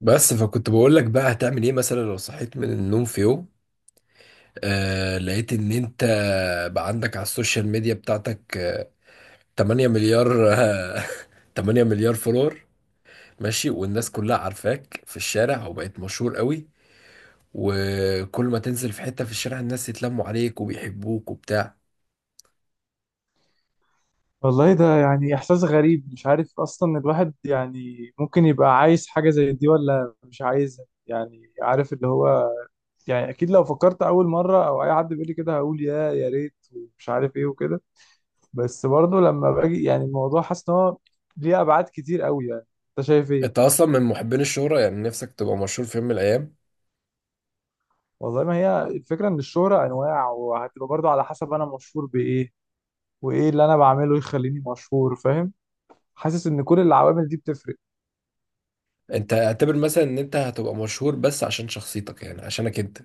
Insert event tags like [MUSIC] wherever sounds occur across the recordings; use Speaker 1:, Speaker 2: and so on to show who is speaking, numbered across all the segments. Speaker 1: بس فكنت بقول لك بقى هتعمل ايه مثلا لو صحيت من النوم في يوم لقيت ان انت بقى عندك على السوشيال ميديا بتاعتك، 8 مليار [LAUGHS] 8 مليار فولور. ماشي، والناس كلها عارفاك في الشارع وبقيت مشهور قوي، وكل ما تنزل في حتة في الشارع الناس يتلموا عليك وبيحبوك وبتاع.
Speaker 2: والله ده يعني إحساس غريب. مش عارف أصلا الواحد يعني ممكن يبقى عايز حاجة زي دي ولا مش عايزها، يعني عارف اللي هو يعني أكيد لو فكرت أول مرة أو أي حد بيقول لي كده هقول يا ريت ومش عارف إيه وكده. بس برضه لما باجي يعني الموضوع حاسس إن هو ليه أبعاد كتير قوي يعني. أنت شايف إيه؟
Speaker 1: انت اصلا من محبين الشهرة؟ يعني نفسك تبقى مشهور في يوم من الايام؟
Speaker 2: والله ما هي الفكرة إن الشهرة أنواع، وهتبقى برضه على حسب أنا مشهور بإيه وإيه اللي أنا بعمله يخليني مشهور، فاهم؟ حاسس إن كل العوامل دي بتفرق.
Speaker 1: انت اعتبر مثلا ان انت هتبقى مشهور بس عشان شخصيتك، يعني عشانك انت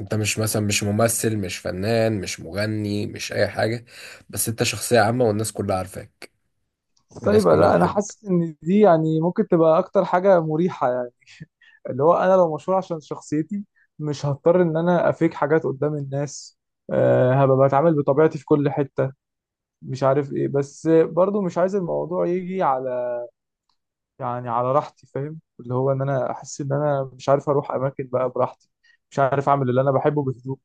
Speaker 1: انت مش مثلا، مش ممثل، مش فنان، مش مغني، مش اي حاجة، بس انت شخصية عامة والناس كلها عارفاك والناس
Speaker 2: سايبه.
Speaker 1: كلها
Speaker 2: لا انا
Speaker 1: بتحبك.
Speaker 2: حاسس ان دي يعني ممكن تبقى اكتر حاجه مريحه يعني. اللي هو انا لو مشهور عشان شخصيتي مش هضطر ان انا افيك حاجات قدام الناس. أه، هبقى بتعامل بطبيعتي في كل حته. مش عارف ايه، بس برضو مش عايز الموضوع يجي على يعني على راحتي، فاهم؟ اللي هو ان انا احس ان انا مش عارف اروح اماكن بقى براحتي، مش عارف اعمل اللي انا بحبه بهدوء.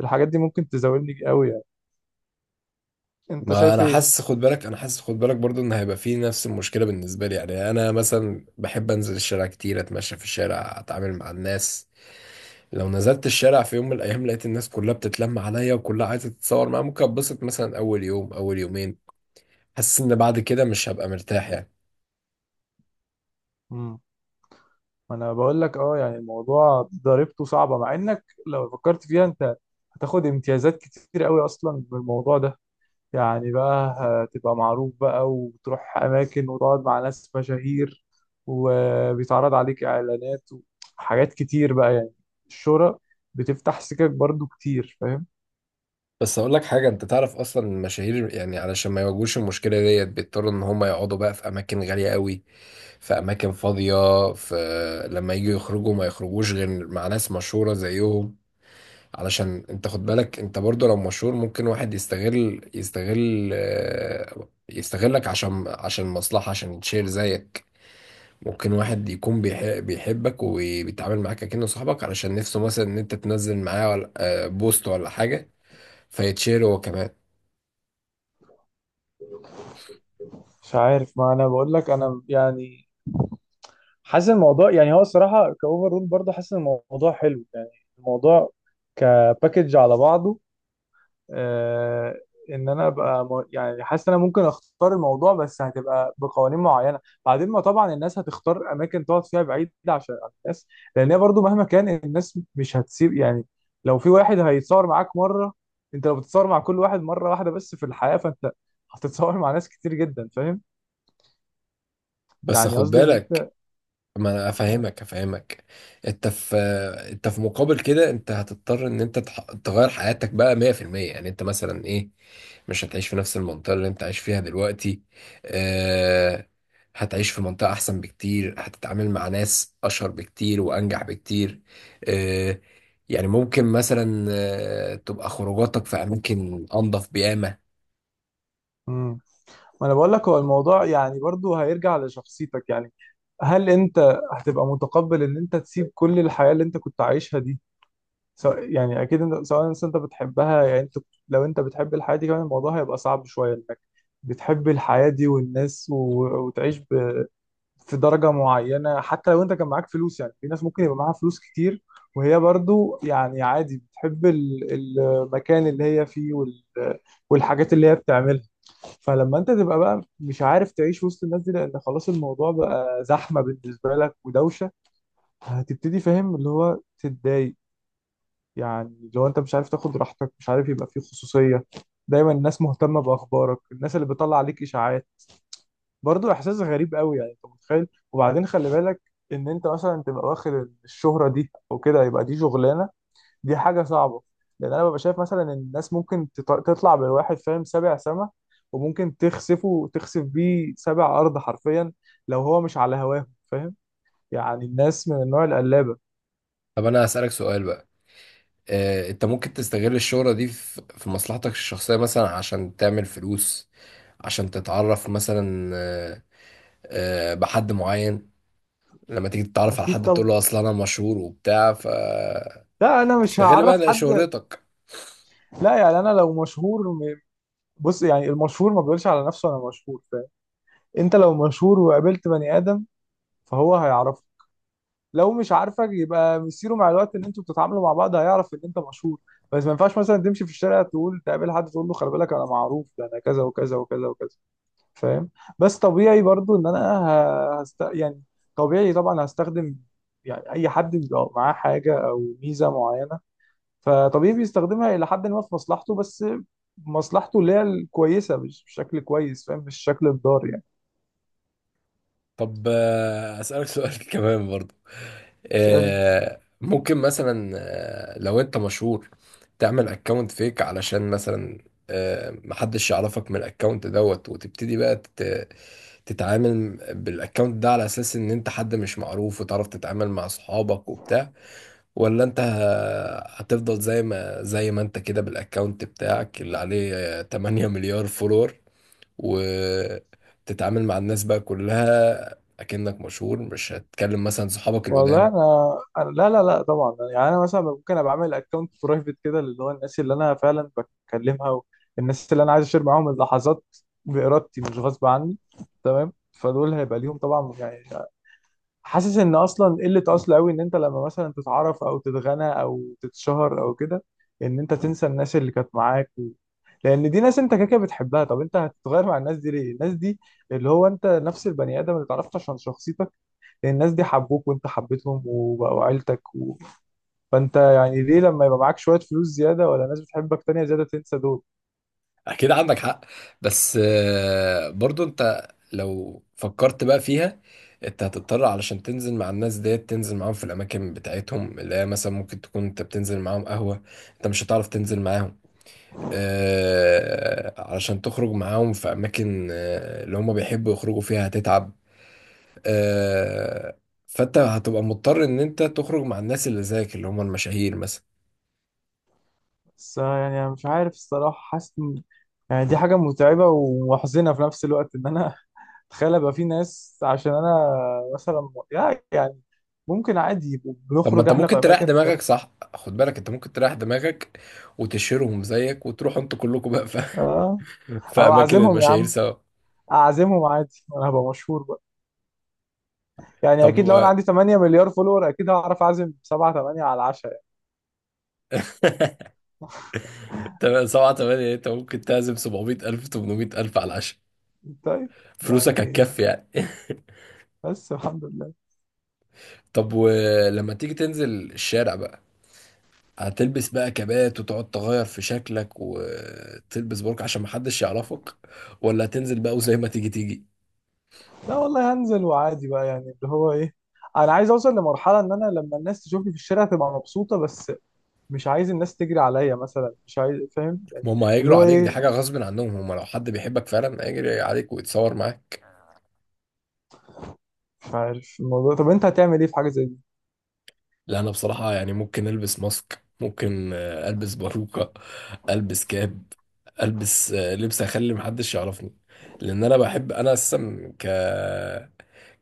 Speaker 2: الحاجات دي ممكن تزاولني قوي يعني. انت
Speaker 1: ما
Speaker 2: شايف
Speaker 1: انا
Speaker 2: ايه؟
Speaker 1: حاسس خد بالك انا حاسس خد بالك برضو ان هيبقى فيه نفس المشكلة بالنسبة لي. يعني انا مثلا بحب انزل الشارع كتير، اتمشى في الشارع، اتعامل مع الناس. لو نزلت الشارع في يوم من الايام لقيت الناس كلها بتتلم عليا وكلها عايزة تتصور معايا، ممكن اتبسط مثلا اول يوم اول يومين. حاسس ان بعد كده مش هبقى مرتاح يعني.
Speaker 2: ما انا بقول لك اه، يعني الموضوع ضريبته صعبه مع انك لو فكرت فيها انت هتاخد امتيازات كتير قوي اصلا بالموضوع ده يعني. بقى هتبقى معروف بقى وتروح اماكن وتقعد مع ناس مشاهير وبيتعرض عليك اعلانات وحاجات كتير بقى يعني. الشهرة بتفتح سكك برضو كتير، فاهم؟
Speaker 1: بس اقول لك حاجه، انت تعرف اصلا المشاهير يعني علشان ما يواجهوش المشكله ديت بيضطروا ان هم يقعدوا بقى في اماكن غاليه قوي، في اماكن فاضيه، في لما يجوا يخرجوا ما يخرجوش غير مع ناس مشهوره زيهم. علشان انت خد بالك، انت برضو لو مشهور ممكن واحد يستغل، يستغلك، عشان مصلحه، عشان يتشير زيك. ممكن واحد يكون بيحبك وبيتعامل معاك كأنه صاحبك علشان نفسه مثلا ان انت تنزل معاه بوست ولا حاجه، فيتشير هو كمان.
Speaker 2: مش عارف. ما انا بقول لك انا يعني حاسس الموضوع يعني هو الصراحه كاوفر رول. برضه حاسس ان الموضوع حلو يعني. الموضوع كباكج على بعضه. آه، ان انا ابقى يعني حاسس ان انا ممكن اختار الموضوع بس هتبقى بقوانين معينه. بعدين ما طبعا الناس هتختار اماكن تقعد فيها بعيده عشان عن الناس، لان هي برضو مهما كان الناس مش هتسيب يعني. لو في واحد هيتصور معاك مره، انت لو بتتصور مع كل واحد مره واحده بس في الحياه فانت هتتصور مع ناس كتير جدا، فاهم؟
Speaker 1: بس
Speaker 2: يعني
Speaker 1: خد
Speaker 2: قصدي ان
Speaker 1: بالك،
Speaker 2: انت
Speaker 1: ما انا افهمك. انت في انت في مقابل كده انت هتضطر ان انت تغير حياتك بقى 100%. يعني انت مثلا ايه، مش هتعيش في نفس المنطقة اللي انت عايش فيها دلوقتي. آه هتعيش في منطقة احسن بكتير، هتتعامل مع ناس اشهر بكتير وانجح بكتير. آه يعني ممكن مثلا تبقى خروجاتك في اماكن انضف بيامة.
Speaker 2: امم ما انا بقول لك هو الموضوع يعني برضو هيرجع لشخصيتك يعني. هل انت هتبقى متقبل ان انت تسيب كل الحياه اللي انت كنت عايشها دي؟ سواء يعني اكيد انت سواء انت أنت بتحبها يعني انت، لو انت بتحب الحياه دي كمان الموضوع هيبقى صعب شويه انك بتحب الحياه دي والناس و... وتعيش ب... في درجه معينه حتى لو انت كان معاك فلوس. يعني في ناس ممكن يبقى معاها فلوس كتير وهي برضو يعني عادي بتحب المكان اللي هي فيه وال... والحاجات اللي هي بتعملها. فلما انت تبقى بقى مش عارف تعيش وسط الناس دي لان خلاص الموضوع بقى زحمه بالنسبه لك ودوشه، هتبتدي فاهم اللي هو تتضايق يعني. لو انت مش عارف تاخد راحتك، مش عارف يبقى فيه خصوصية، دايما الناس مهتمة بأخبارك، الناس اللي بتطلع عليك إشاعات، برضو إحساس غريب قوي يعني. انت متخيل؟ وبعدين خلي بالك ان انت مثلا تبقى واخد الشهرة دي او كده يبقى دي شغلانة، دي حاجة صعبة. لان انا ببقى شايف مثلا ان الناس ممكن تطلع بالواحد فاهم سابع سما، وممكن تخسفه تخسف بيه سابع ارض حرفيا لو هو مش على هواه، فاهم؟ يعني الناس من النوع القلابة.
Speaker 1: طب انا هسألك سؤال بقى. انت ممكن تستغل الشهرة دي في مصلحتك الشخصية مثلا عشان تعمل فلوس، عشان تتعرف مثلا، بحد معين؟ لما تيجي تتعرف على
Speaker 2: اكيد
Speaker 1: حد تقول
Speaker 2: طبعا.
Speaker 1: له اصل انا مشهور وبتاع، فتستغل
Speaker 2: لا انا مش هعرف
Speaker 1: بقى
Speaker 2: حد.
Speaker 1: شهرتك.
Speaker 2: لا يعني انا لو مشهور بص، يعني المشهور ما بيقولش على نفسه انا مشهور، فاهم؟ انت لو مشهور وقابلت بني ادم فهو هيعرفك. لو مش عارفك يبقى مصيره مع الوقت ان انتوا بتتعاملوا مع بعض هيعرف ان انت مشهور. بس ما ينفعش مثلا تمشي في الشارع تقول تقابل حد تقول له خلي بالك انا معروف، ده انا كذا وكذا وكذا وكذا، فاهم؟ بس طبيعي برضو ان انا يعني طبيعي طبعا هستخدم. يعني اي حد بيبقى معاه حاجه او ميزه معينه فطبيعي بيستخدمها الى حد ما في مصلحته، بس مصلحته اللي هي الكويسه، مش بشكل كويس، فاهم؟ مش شكل الضار يعني.
Speaker 1: طب، أسألك سؤال [LAUGHS] كمان برضو.
Speaker 2: اسال.
Speaker 1: ممكن مثلا، لو انت مشهور تعمل اكونت فيك علشان مثلا محدش يعرفك من الاكونت دوت، وتبتدي بقى تتعامل بالاكونت ده على اساس ان انت حد مش معروف، وتعرف تتعامل مع صحابك وبتاع. ولا انت هتفضل زي ما انت كده بالاكونت بتاعك اللي عليه، 8 مليار فولور، وتتعامل مع الناس بقى كلها اكنك مشهور، مش هتكلم مثلا صحابك
Speaker 2: والله
Speaker 1: القدام؟
Speaker 2: انا لا لا لا، طبعا. يعني انا مثلا ممكن ابقى اعمل اكونت برايفت كده اللي هو الناس اللي انا فعلا بكلمها والناس اللي انا عايز اشير معاهم اللحظات بارادتي مش غصب عني، تمام؟ فدول هيبقى ليهم طبعا يعني. حاسس ان اصلا قله اصل قوي ان انت لما مثلا تتعرف او تتغنى او تتشهر او كده ان انت تنسى الناس اللي كانت معاك و... لان دي ناس انت كده كده بتحبها. طب انت هتتغير مع الناس دي ليه؟ الناس دي اللي هو انت نفس البني ادم اللي اتعرفت عشان شخصيتك. لان الناس دي حبوك وانت حبيتهم وبقوا عيلتك و... فانت يعني ليه لما يبقى معاك شويه فلوس زياده ولا ناس بتحبك تانية زياده تنسى دول؟
Speaker 1: اكيد عندك حق، بس برضو انت لو فكرت بقى فيها انت هتضطر علشان تنزل مع الناس ديت تنزل معاهم في الاماكن بتاعتهم اللي هي مثلا ممكن تكون انت بتنزل معاهم قهوة. انت مش هتعرف تنزل معاهم علشان تخرج معاهم في اماكن، اللي هم بيحبوا يخرجوا فيها، هتتعب. آه، فانت هتبقى مضطر ان انت تخرج مع الناس اللي زيك اللي هم المشاهير مثلا.
Speaker 2: بس يعني انا مش عارف الصراحه، حاسس يعني دي حاجه متعبه ومحزنه في نفس الوقت ان انا تخيل ابقى في ناس عشان انا مثلا يعني ممكن عادي يبقوا
Speaker 1: طب، ما
Speaker 2: بنخرج
Speaker 1: انت
Speaker 2: احنا في
Speaker 1: ممكن تريح
Speaker 2: اماكن ده.
Speaker 1: دماغك، صح؟ خد بالك، انت ممكن تريح دماغك وتشيرهم زيك وتروحوا انتوا كلكم بقى
Speaker 2: اه
Speaker 1: [LAUGHS] في
Speaker 2: او
Speaker 1: اماكن
Speaker 2: اعزمهم يا
Speaker 1: المشاهير
Speaker 2: عم،
Speaker 1: سوا.
Speaker 2: اعزمهم عادي وانا هبقى مشهور بقى. يعني
Speaker 1: طب
Speaker 2: اكيد لو انا عندي 8 مليار فولور اكيد هعرف اعزم 7 8 على العشاء.
Speaker 1: [LAUGHS] تمام، سبعة تمانية، انت ممكن تعزم 700 ألف 800 ألف على العشاء،
Speaker 2: يعني طيب
Speaker 1: فلوسك
Speaker 2: يعني،
Speaker 1: هتكفي يعني.
Speaker 2: بس الحمد لله.
Speaker 1: [LAUGHS] طب ولما تيجي تنزل الشارع بقى، هتلبس بقى كبات وتقعد تغير في شكلك وتلبس برك عشان محدش يعرفك، ولا هتنزل بقى وزي ما تيجي تيجي؟
Speaker 2: لا والله، هنزل وعادي بقى يعني اللي هو ايه، انا عايز اوصل لمرحله ان انا لما الناس تشوفني في الشارع تبقى مبسوطه بس، مش عايز الناس تجري عليا مثلا، مش عايز، فاهم يعني؟
Speaker 1: ما هم
Speaker 2: اللي
Speaker 1: هيجروا
Speaker 2: هو
Speaker 1: عليك، دي حاجة
Speaker 2: ايه
Speaker 1: غصب عنهم، هم لو حد بيحبك فعلا هيجري عليك ويتصور معاك.
Speaker 2: مش عارف الموضوع. طب انت هتعمل ايه في حاجه زي دي؟
Speaker 1: لا، انا بصراحة يعني ممكن البس ماسك، ممكن البس باروكة، البس كاب، البس لبس اخلي محدش يعرفني. لان انا بحب، انا اصلا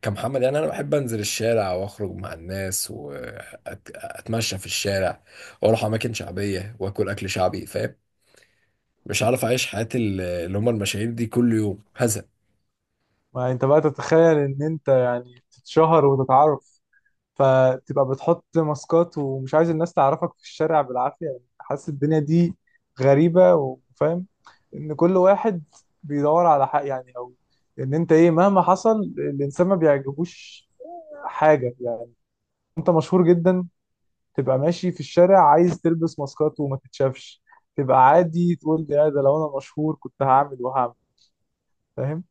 Speaker 1: كمحمد، يعني انا بحب انزل الشارع واخرج مع الناس واتمشى في الشارع واروح اماكن شعبيه واكل اكل شعبي، فاهم؟ مش عارف اعيش حياه اللي هم المشاهير دي كل يوم هزق.
Speaker 2: ما انت بقى تتخيل ان انت تتشهر وتتعرف فتبقى بتحط ماسكات ومش عايز الناس تعرفك في الشارع بالعافيه، يعني حاسس الدنيا دي غريبه وفاهم ان كل واحد بيدور على حق يعني، او ان انت ايه مهما حصل الانسان ما بيعجبوش حاجه يعني. انت مشهور جدا تبقى ماشي في الشارع عايز تلبس ماسكات وما تتشافش؟ تبقى عادي تقول يا ده لو انا مشهور كنت هعمل وهعمل، فاهم؟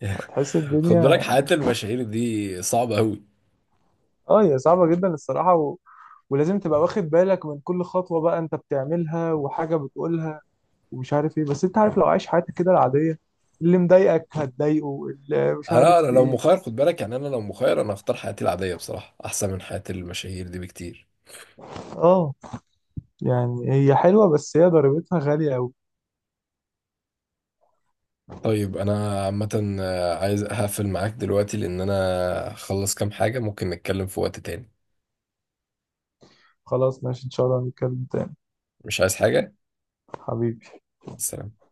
Speaker 1: [LAUGHS]
Speaker 2: فتحس
Speaker 1: خد بالك
Speaker 2: الدنيا.
Speaker 1: حياه المشاهير دي صعبه قوي.
Speaker 2: اه، هي صعبة جدا الصراحة و... ولازم تبقى واخد بالك من كل خطوة بقى انت بتعملها وحاجة بتقولها ومش عارف ايه. بس انت عارف لو عايش حياتك كده العادية اللي مضايقك هتضايقه، اللي مش
Speaker 1: انا
Speaker 2: عارف
Speaker 1: أنا لو
Speaker 2: ايه.
Speaker 1: مخير، خد بالك، يعني انا لو مخير انا اختار حياتي العاديه بصراحه احسن من حياه المشاهير دي بكتير.
Speaker 2: اه، يعني هي حلوة بس هي ضريبتها غالية اوي.
Speaker 1: طيب انا عامه عايز اقفل معاك دلوقتي لان انا اخلص كام حاجه، ممكن نتكلم في وقت تاني.
Speaker 2: خلاص ماشي، ان شاء الله نتكلم تاني،
Speaker 1: مش عايز حاجه.
Speaker 2: حبيبي.
Speaker 1: مع السلامه.